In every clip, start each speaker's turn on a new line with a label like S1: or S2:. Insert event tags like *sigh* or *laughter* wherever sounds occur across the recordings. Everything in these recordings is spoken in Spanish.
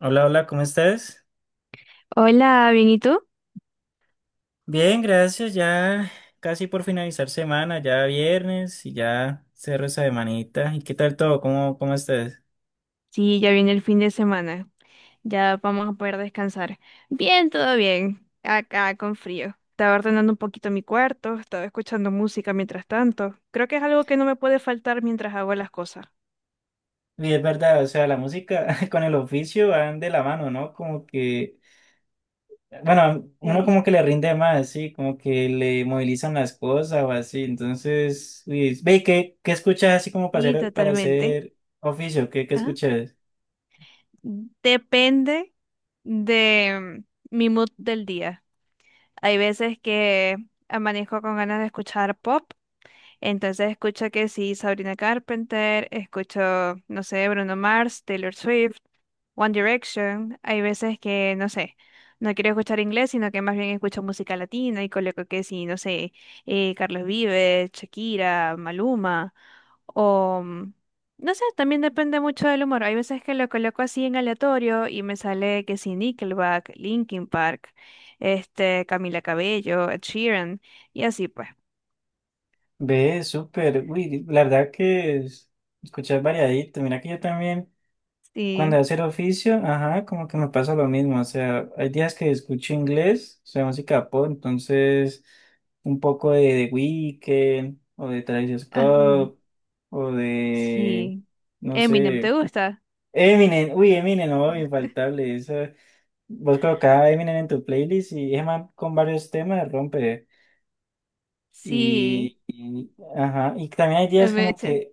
S1: Hola, hola, ¿cómo estás?
S2: Hola, ¿bien y tú?
S1: Bien, gracias. Ya casi por finalizar semana, ya viernes y ya cerro esa semanita. ¿Y qué tal todo? ¿Cómo estás?
S2: Sí, ya viene el fin de semana. Ya vamos a poder descansar. Bien, todo bien. Acá con frío. Estaba ordenando un poquito mi cuarto, estaba escuchando música mientras tanto. Creo que es algo que no me puede faltar mientras hago las cosas.
S1: Y es verdad, o sea, la música *laughs* con el oficio van de la mano, ¿no? Como que, bueno, uno como
S2: Eh,
S1: que le rinde más, sí, como que le movilizan las cosas o así. Entonces, uy, ve, ¿qué escuchas así como
S2: sí,
S1: para
S2: totalmente.
S1: hacer oficio? ¿Qué
S2: Ah,
S1: escuchas?
S2: Depende de mi mood del día. Hay veces que amanezco con ganas de escuchar pop. Entonces escucho que sí, Sabrina Carpenter, escucho, no sé, Bruno Mars, Taylor Swift, One Direction. Hay veces que, no sé, no quiero escuchar inglés, sino que más bien escucho música latina y coloco que sí, no sé, Carlos Vives, Shakira, Maluma, o no sé, también depende mucho del humor. Hay veces que lo coloco así en aleatorio y me sale que sí, Nickelback, Linkin Park, Camila Cabello, Ed Sheeran, y así pues.
S1: Ve, súper, uy, la verdad que escuchas variadito. Mira que yo también. Cuando
S2: Sí.
S1: hacer oficio, ajá, como que me pasa lo mismo. O sea, hay días que escucho inglés, o sea, música pop, entonces un poco de The Weeknd o de Travis
S2: Ajá.
S1: Scott o
S2: Sí.
S1: no
S2: Eminem, ¿te
S1: sé,
S2: gusta?
S1: Eminem. Uy, Eminem, no, infaltable. Esa, vos colocás a Eminem en tu playlist y es más con varios temas rompe.
S2: Sí.
S1: Y, ajá, y también hay
S2: El
S1: días como
S2: Meltzer.
S1: que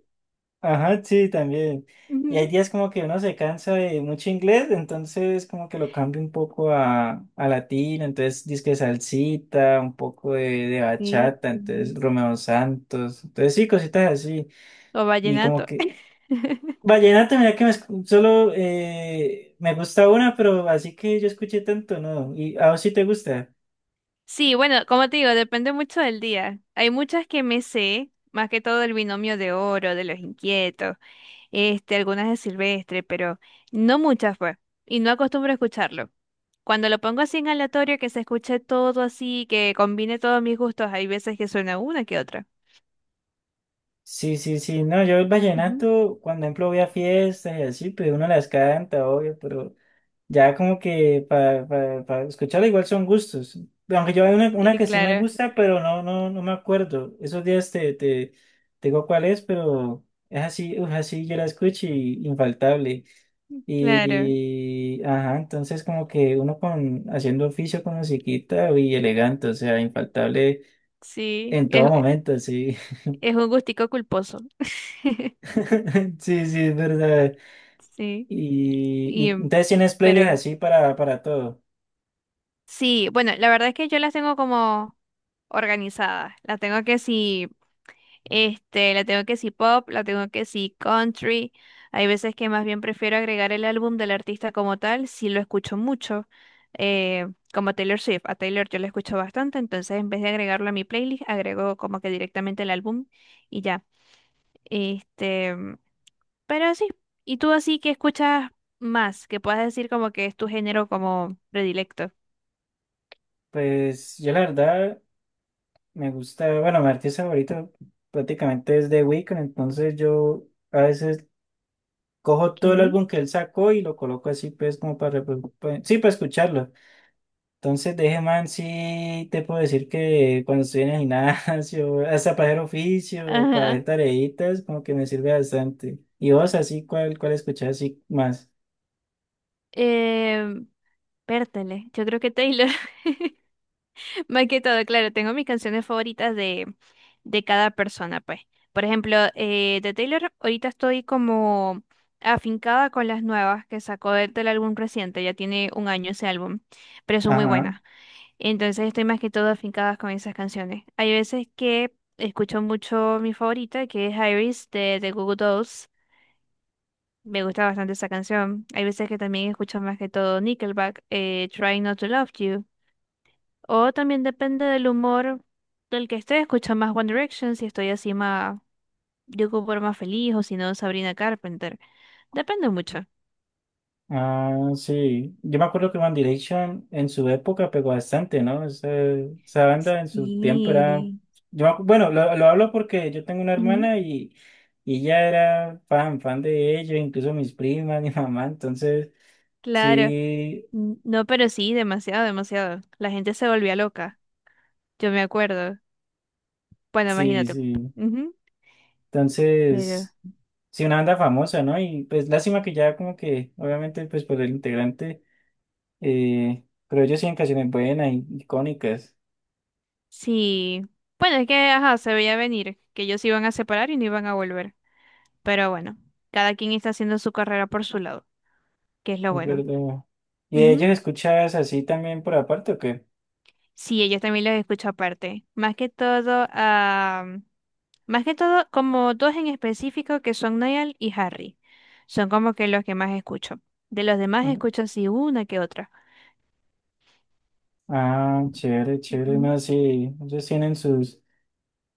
S1: ajá, sí, también.
S2: Ujú.
S1: Y hay días como que uno se cansa de mucho inglés, entonces como que lo cambio un poco a latino, entonces disque salsita, un poco de
S2: Sí.
S1: bachata, entonces Romeo Santos, entonces sí, cositas así.
S2: O
S1: Y como
S2: vallenato.
S1: que
S2: *laughs*
S1: vallenato, mira que me solo me gusta una, pero así que yo escuché tanto, ¿no? ¿Y a vos sí te gusta?
S2: Sí, bueno, como te digo, depende mucho del día. Hay muchas que me sé, más que todo el binomio de oro, de los inquietos, algunas de Silvestre, pero no muchas pues, y no acostumbro a escucharlo. Cuando lo pongo así en aleatorio, que se escuche todo así, que combine todos mis gustos, hay veces que suena una que otra.
S1: Sí, sí, sí, no, yo el
S2: Ujú.
S1: vallenato, cuando ejemplo voy a fiestas y así, pues uno las canta, obvio, pero... Ya como que para escucharla, igual son gustos. Aunque yo hay una
S2: Sí,
S1: que sí me
S2: claro,
S1: gusta, pero no, no, no me acuerdo. Esos días te digo cuál es, pero es así, uf, así yo la escucho y infaltable.
S2: claro,
S1: Y ajá, entonces como que uno con haciendo oficio con musiquita y elegante, o sea, infaltable
S2: sí.
S1: en
S2: Es,
S1: todo momento, sí.
S2: Es un gustico culposo.
S1: *laughs* Sí, sí, es verdad.
S2: Sí.
S1: Y
S2: Y, em,
S1: entonces tienes playlists
S2: pero
S1: así para todo.
S2: sí, bueno, la verdad es que yo las tengo como organizadas. La tengo que si, la tengo que si pop, la tengo que si country. Hay veces que más bien prefiero agregar el álbum del artista como tal, si lo escucho mucho. eh, Como Taylor Swift, a Taylor yo la escucho bastante, entonces en vez de agregarlo a mi playlist, agrego como que directamente el álbum y ya. Este, Pero sí, ¿y tú así que escuchas más? Que puedas decir como que es tu género como predilecto.
S1: Pues yo la verdad. Me gusta, bueno, mi artista favorito prácticamente es The Weeknd, entonces yo a veces cojo todo el
S2: ¿Qué?
S1: álbum que él sacó y lo coloco así, pues, como para, sí, para escucharlo. Entonces, de ese man, sí te puedo decir que cuando estoy en el gimnasio, *laughs* hasta para hacer oficio o para
S2: Ajá.
S1: hacer tareitas, como que me sirve bastante. ¿Y vos, así, cuál escuchás así más?
S2: Eh, Pértale, yo creo que Taylor. *laughs* Más que todo, claro, tengo mis canciones favoritas de cada persona, pues. Por ejemplo, de Taylor, ahorita estoy como afincada con las nuevas que sacó del álbum reciente, ya tiene un año ese álbum, pero son muy
S1: Ajá.
S2: buenas. Entonces estoy más que todo afincada con esas canciones. Hay veces que escucho mucho mi favorita, que es Iris de The Goo Goo Dolls. Me gusta bastante esa canción. Hay veces que también escucho más que todo Nickelback, Trying Not to Love You. O también depende del humor del que esté, escucho más One Direction, si estoy así más, yo como por más feliz, o si no, Sabrina Carpenter. Depende mucho.
S1: Ah, sí. Yo me acuerdo que One Direction en su época pegó bastante, ¿no? Esa banda en su tiempo era...
S2: Sí.
S1: Yo me bueno, lo hablo porque yo tengo una
S2: Ujú,
S1: hermana y ella era fan, fan de ellos, incluso mis primas, *laughs* mi mamá, entonces
S2: claro.
S1: sí,
S2: No, pero sí, demasiado, demasiado. La gente se volvía loca. Yo me acuerdo. Bueno,
S1: sí,
S2: imagínate.
S1: sí.
S2: Ujú. Pero
S1: Entonces, sí, una banda famosa, ¿no? Y pues lástima que ya como que, obviamente, pues por el integrante, pero ellos sí en canciones buenas, y icónicas.
S2: sí. Bueno, es que, ajá, se veía venir que ellos se iban a separar y no iban a volver. Pero bueno, cada quien está haciendo su carrera por su lado, que es lo
S1: Es
S2: bueno.
S1: verdad. ¿Y de ellos
S2: Ujú.
S1: escuchas así también por aparte o qué?
S2: Sí, ellos también los escucho aparte. Más que todo, como dos en específico que son Niall y Harry. Son como que los que más escucho. De los demás
S1: Ujú.
S2: escucho así una que otra.
S1: Ah, chévere, chévere.
S2: Ujú.
S1: No, sí, ellos tienen sus,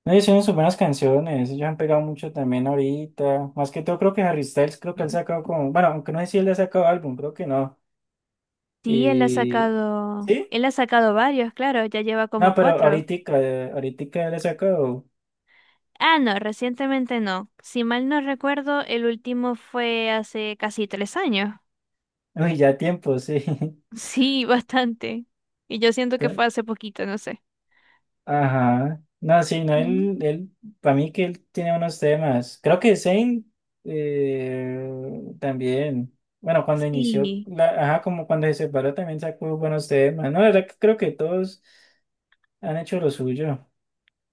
S1: no, ellos tienen sus buenas canciones. Ellos han pegado mucho también ahorita. Más que todo, creo que Harry Styles, creo que él sacado como, bueno, aunque no sé si él ha sacado álbum, creo que no.
S2: Sí, él ha
S1: Y,
S2: sacado,
S1: ¿sí?
S2: él ha sacado varios, claro, ya lleva
S1: No,
S2: como
S1: pero
S2: cuatro.
S1: ahorita, ahorita él ha sacado,
S2: Ah, no, recientemente no. Si mal no recuerdo, el último fue hace casi 3 años. *laughs*
S1: uy, ya tiempo, sí.
S2: Sí, bastante. Y yo siento que fue
S1: *laughs*
S2: hace poquito, no sé.
S1: Ajá. No, sí, no,
S2: Ujú.
S1: él, para mí que él tiene unos temas. Creo que Zayn también, bueno, cuando inició,
S2: Sí,
S1: la, ajá, como cuando se separó también sacó buenos temas. No, la verdad que creo que todos han hecho lo suyo.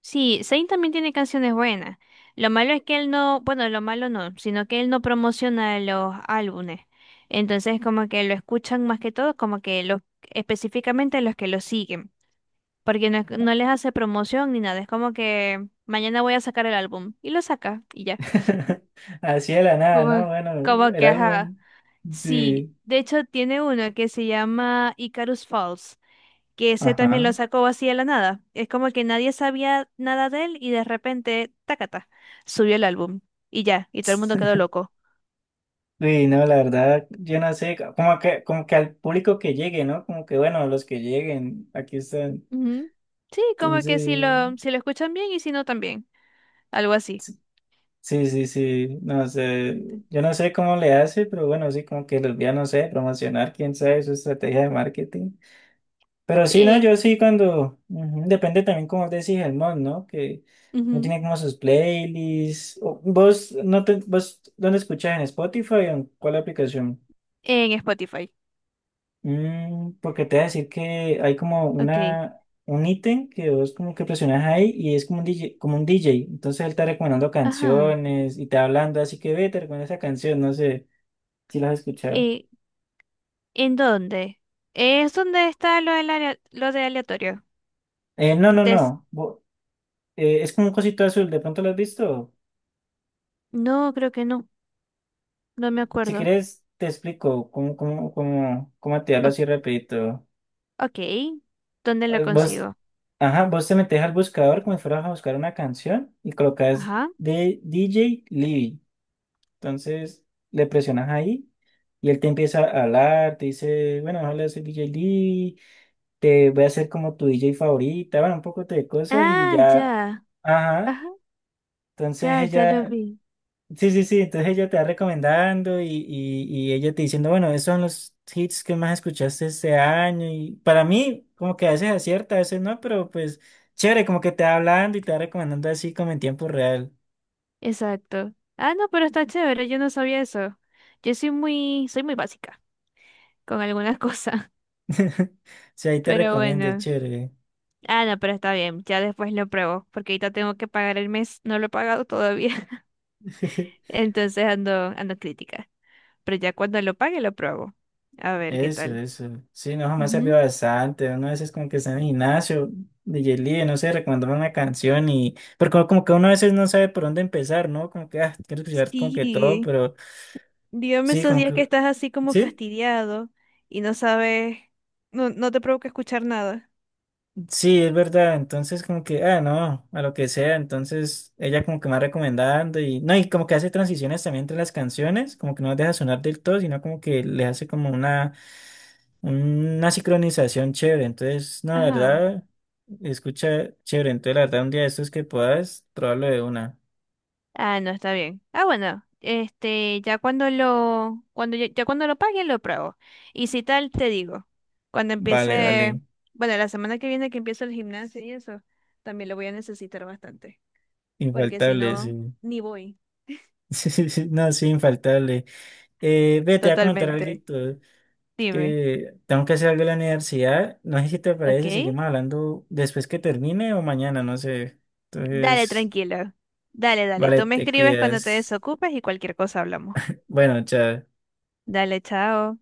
S2: sí, Zayn también tiene canciones buenas. Lo malo es que él no, bueno, lo malo no, sino que él no promociona los álbumes. Entonces, como que lo escuchan más que todo, como que los, específicamente los que lo siguen, porque no, no les hace promoción ni nada. Es como que mañana voy a sacar el álbum y lo saca y ya.
S1: *laughs* Así de la nada, ¿no?
S2: Como,
S1: Bueno,
S2: como
S1: el
S2: que, ajá.
S1: álbum,
S2: Sí,
S1: sí,
S2: de hecho tiene uno que se llama Icarus Falls, que ese también lo
S1: ajá.
S2: sacó así de la nada. Es como que nadie sabía nada de él y de repente, tacata, subió el álbum y ya, y todo el mundo quedó
S1: *laughs*
S2: loco.
S1: Uy, no, la verdad, yo no sé, como que al público que llegue, ¿no? Como que, bueno, los que lleguen, aquí están.
S2: Ujú. Sí, como que si
S1: Entonces...
S2: lo, si lo escuchan bien y si no también, algo así.
S1: Sí, sí, sí, no sé,
S2: Ente-
S1: yo no sé cómo le hace, pero bueno, sí, como que los vía, no sé, promocionar, quién sabe, su estrategia de marketing. Pero sí, no,
S2: Sí,
S1: yo sí cuando, ujú, depende también como decís el mod, ¿no? Que no
S2: ujú,
S1: tiene como sus playlists. ¿Vos, no te, vos, dónde escuchas en Spotify o en cuál aplicación?
S2: en Spotify.
S1: Mm, porque te voy a decir que hay como
S2: Ok.
S1: una, un ítem que vos como que presionas ahí y es como un DJ, como un DJ. Entonces él está recomendando
S2: Ajá.
S1: canciones y te va hablando, así que ve, te recomiendo esa canción, no sé si la has escuchado.
S2: Eh, ¿En dónde? Es donde está lo de aleatorio.
S1: No,
S2: Que
S1: no,
S2: te,
S1: no. Eh, es como un cosito azul, ¿de pronto lo has visto?
S2: No, creo que no. No me
S1: Si
S2: acuerdo.
S1: quieres, te explico cómo activarlo
S2: O-
S1: así rapidito.
S2: ok. ¿Dónde lo
S1: Vos,
S2: consigo?
S1: ajá, vos te metes al buscador como si fueras a buscar una canción y colocas
S2: Ajá.
S1: de DJ Libby. Entonces le presionas ahí y él te empieza a hablar, te dice, bueno, hola, soy DJ Lee, te voy a hacer como tu DJ favorita, bueno, un poco de cosas y
S2: Ah,
S1: ya,
S2: ya.
S1: ajá,
S2: Ajá.
S1: entonces
S2: Ya, ya lo
S1: ella,
S2: vi.
S1: sí, sí, sí, entonces ella te va recomendando y ella te diciendo, bueno, esos son los hits que más escuchaste este año y para mí como que a veces acierta, a veces no, pero pues chévere, como que te va hablando y te va recomendando así como en tiempo real.
S2: Exacto. Ah, no, pero está chévere. Yo no sabía eso. Yo soy muy básica con algunas *laughs* cosas.
S1: *laughs* O sea, ahí te
S2: Pero
S1: recomiendo,
S2: bueno.
S1: chévere.
S2: Ah, no, pero está bien. Ya después lo pruebo. Porque ahorita tengo que pagar el mes. No lo he pagado todavía. *laughs*
S1: *laughs*
S2: Entonces ando crítica. Pero ya cuando lo pague lo pruebo. A ver qué
S1: Eso,
S2: tal.
S1: eso. Sí, no, jamás ha servido
S2: Ujú.
S1: bastante. Uno a veces como que está en el gimnasio de Yelí, no sé, recomendame una canción y... Pero como, como que uno a veces no sabe por dónde empezar, ¿no? Como que, ah, quiero escuchar como que todo,
S2: Sí.
S1: pero
S2: Dígame
S1: sí,
S2: esos
S1: como
S2: días que
S1: que...
S2: estás así como
S1: ¿Sí?
S2: fastidiado y no sabes, no, no te provoca escuchar nada.
S1: Sí, es verdad. Entonces, como que, ah, no, a lo que sea. Entonces, ella como que me va recomendando y, no, y como que hace transiciones también entre las canciones, como que no las deja sonar del todo, sino como que le hace como una sincronización chévere. Entonces, no, la
S2: Ajá.
S1: verdad, escucha chévere. Entonces, la verdad, un día de estos que puedas, probarlo de una.
S2: Ah, no, está bien. Ah, bueno, ya cuando lo paguen lo pruebo. Y si tal, te digo. Cuando
S1: Vale,
S2: empiece,
S1: vale.
S2: bueno, la semana que viene que empiece el gimnasio y eso, también lo voy a necesitar bastante. Porque si
S1: Infaltable, sí.
S2: no,
S1: *laughs*
S2: ni voy.
S1: Sí, sí, sí. No, sí, infaltable. Ve, te voy a comentar algo.
S2: Totalmente. Dime.
S1: Que tengo que hacer algo en la universidad. No sé si te
S2: ¿Ok?
S1: parece, seguimos hablando después que termine o mañana, no sé.
S2: Dale,
S1: Entonces,
S2: tranquilo. Dale, dale.
S1: vale,
S2: Tú me
S1: te
S2: escribes cuando te
S1: cuidas.
S2: desocupes y cualquier cosa hablamos.
S1: Bueno, chao.
S2: Dale, chao.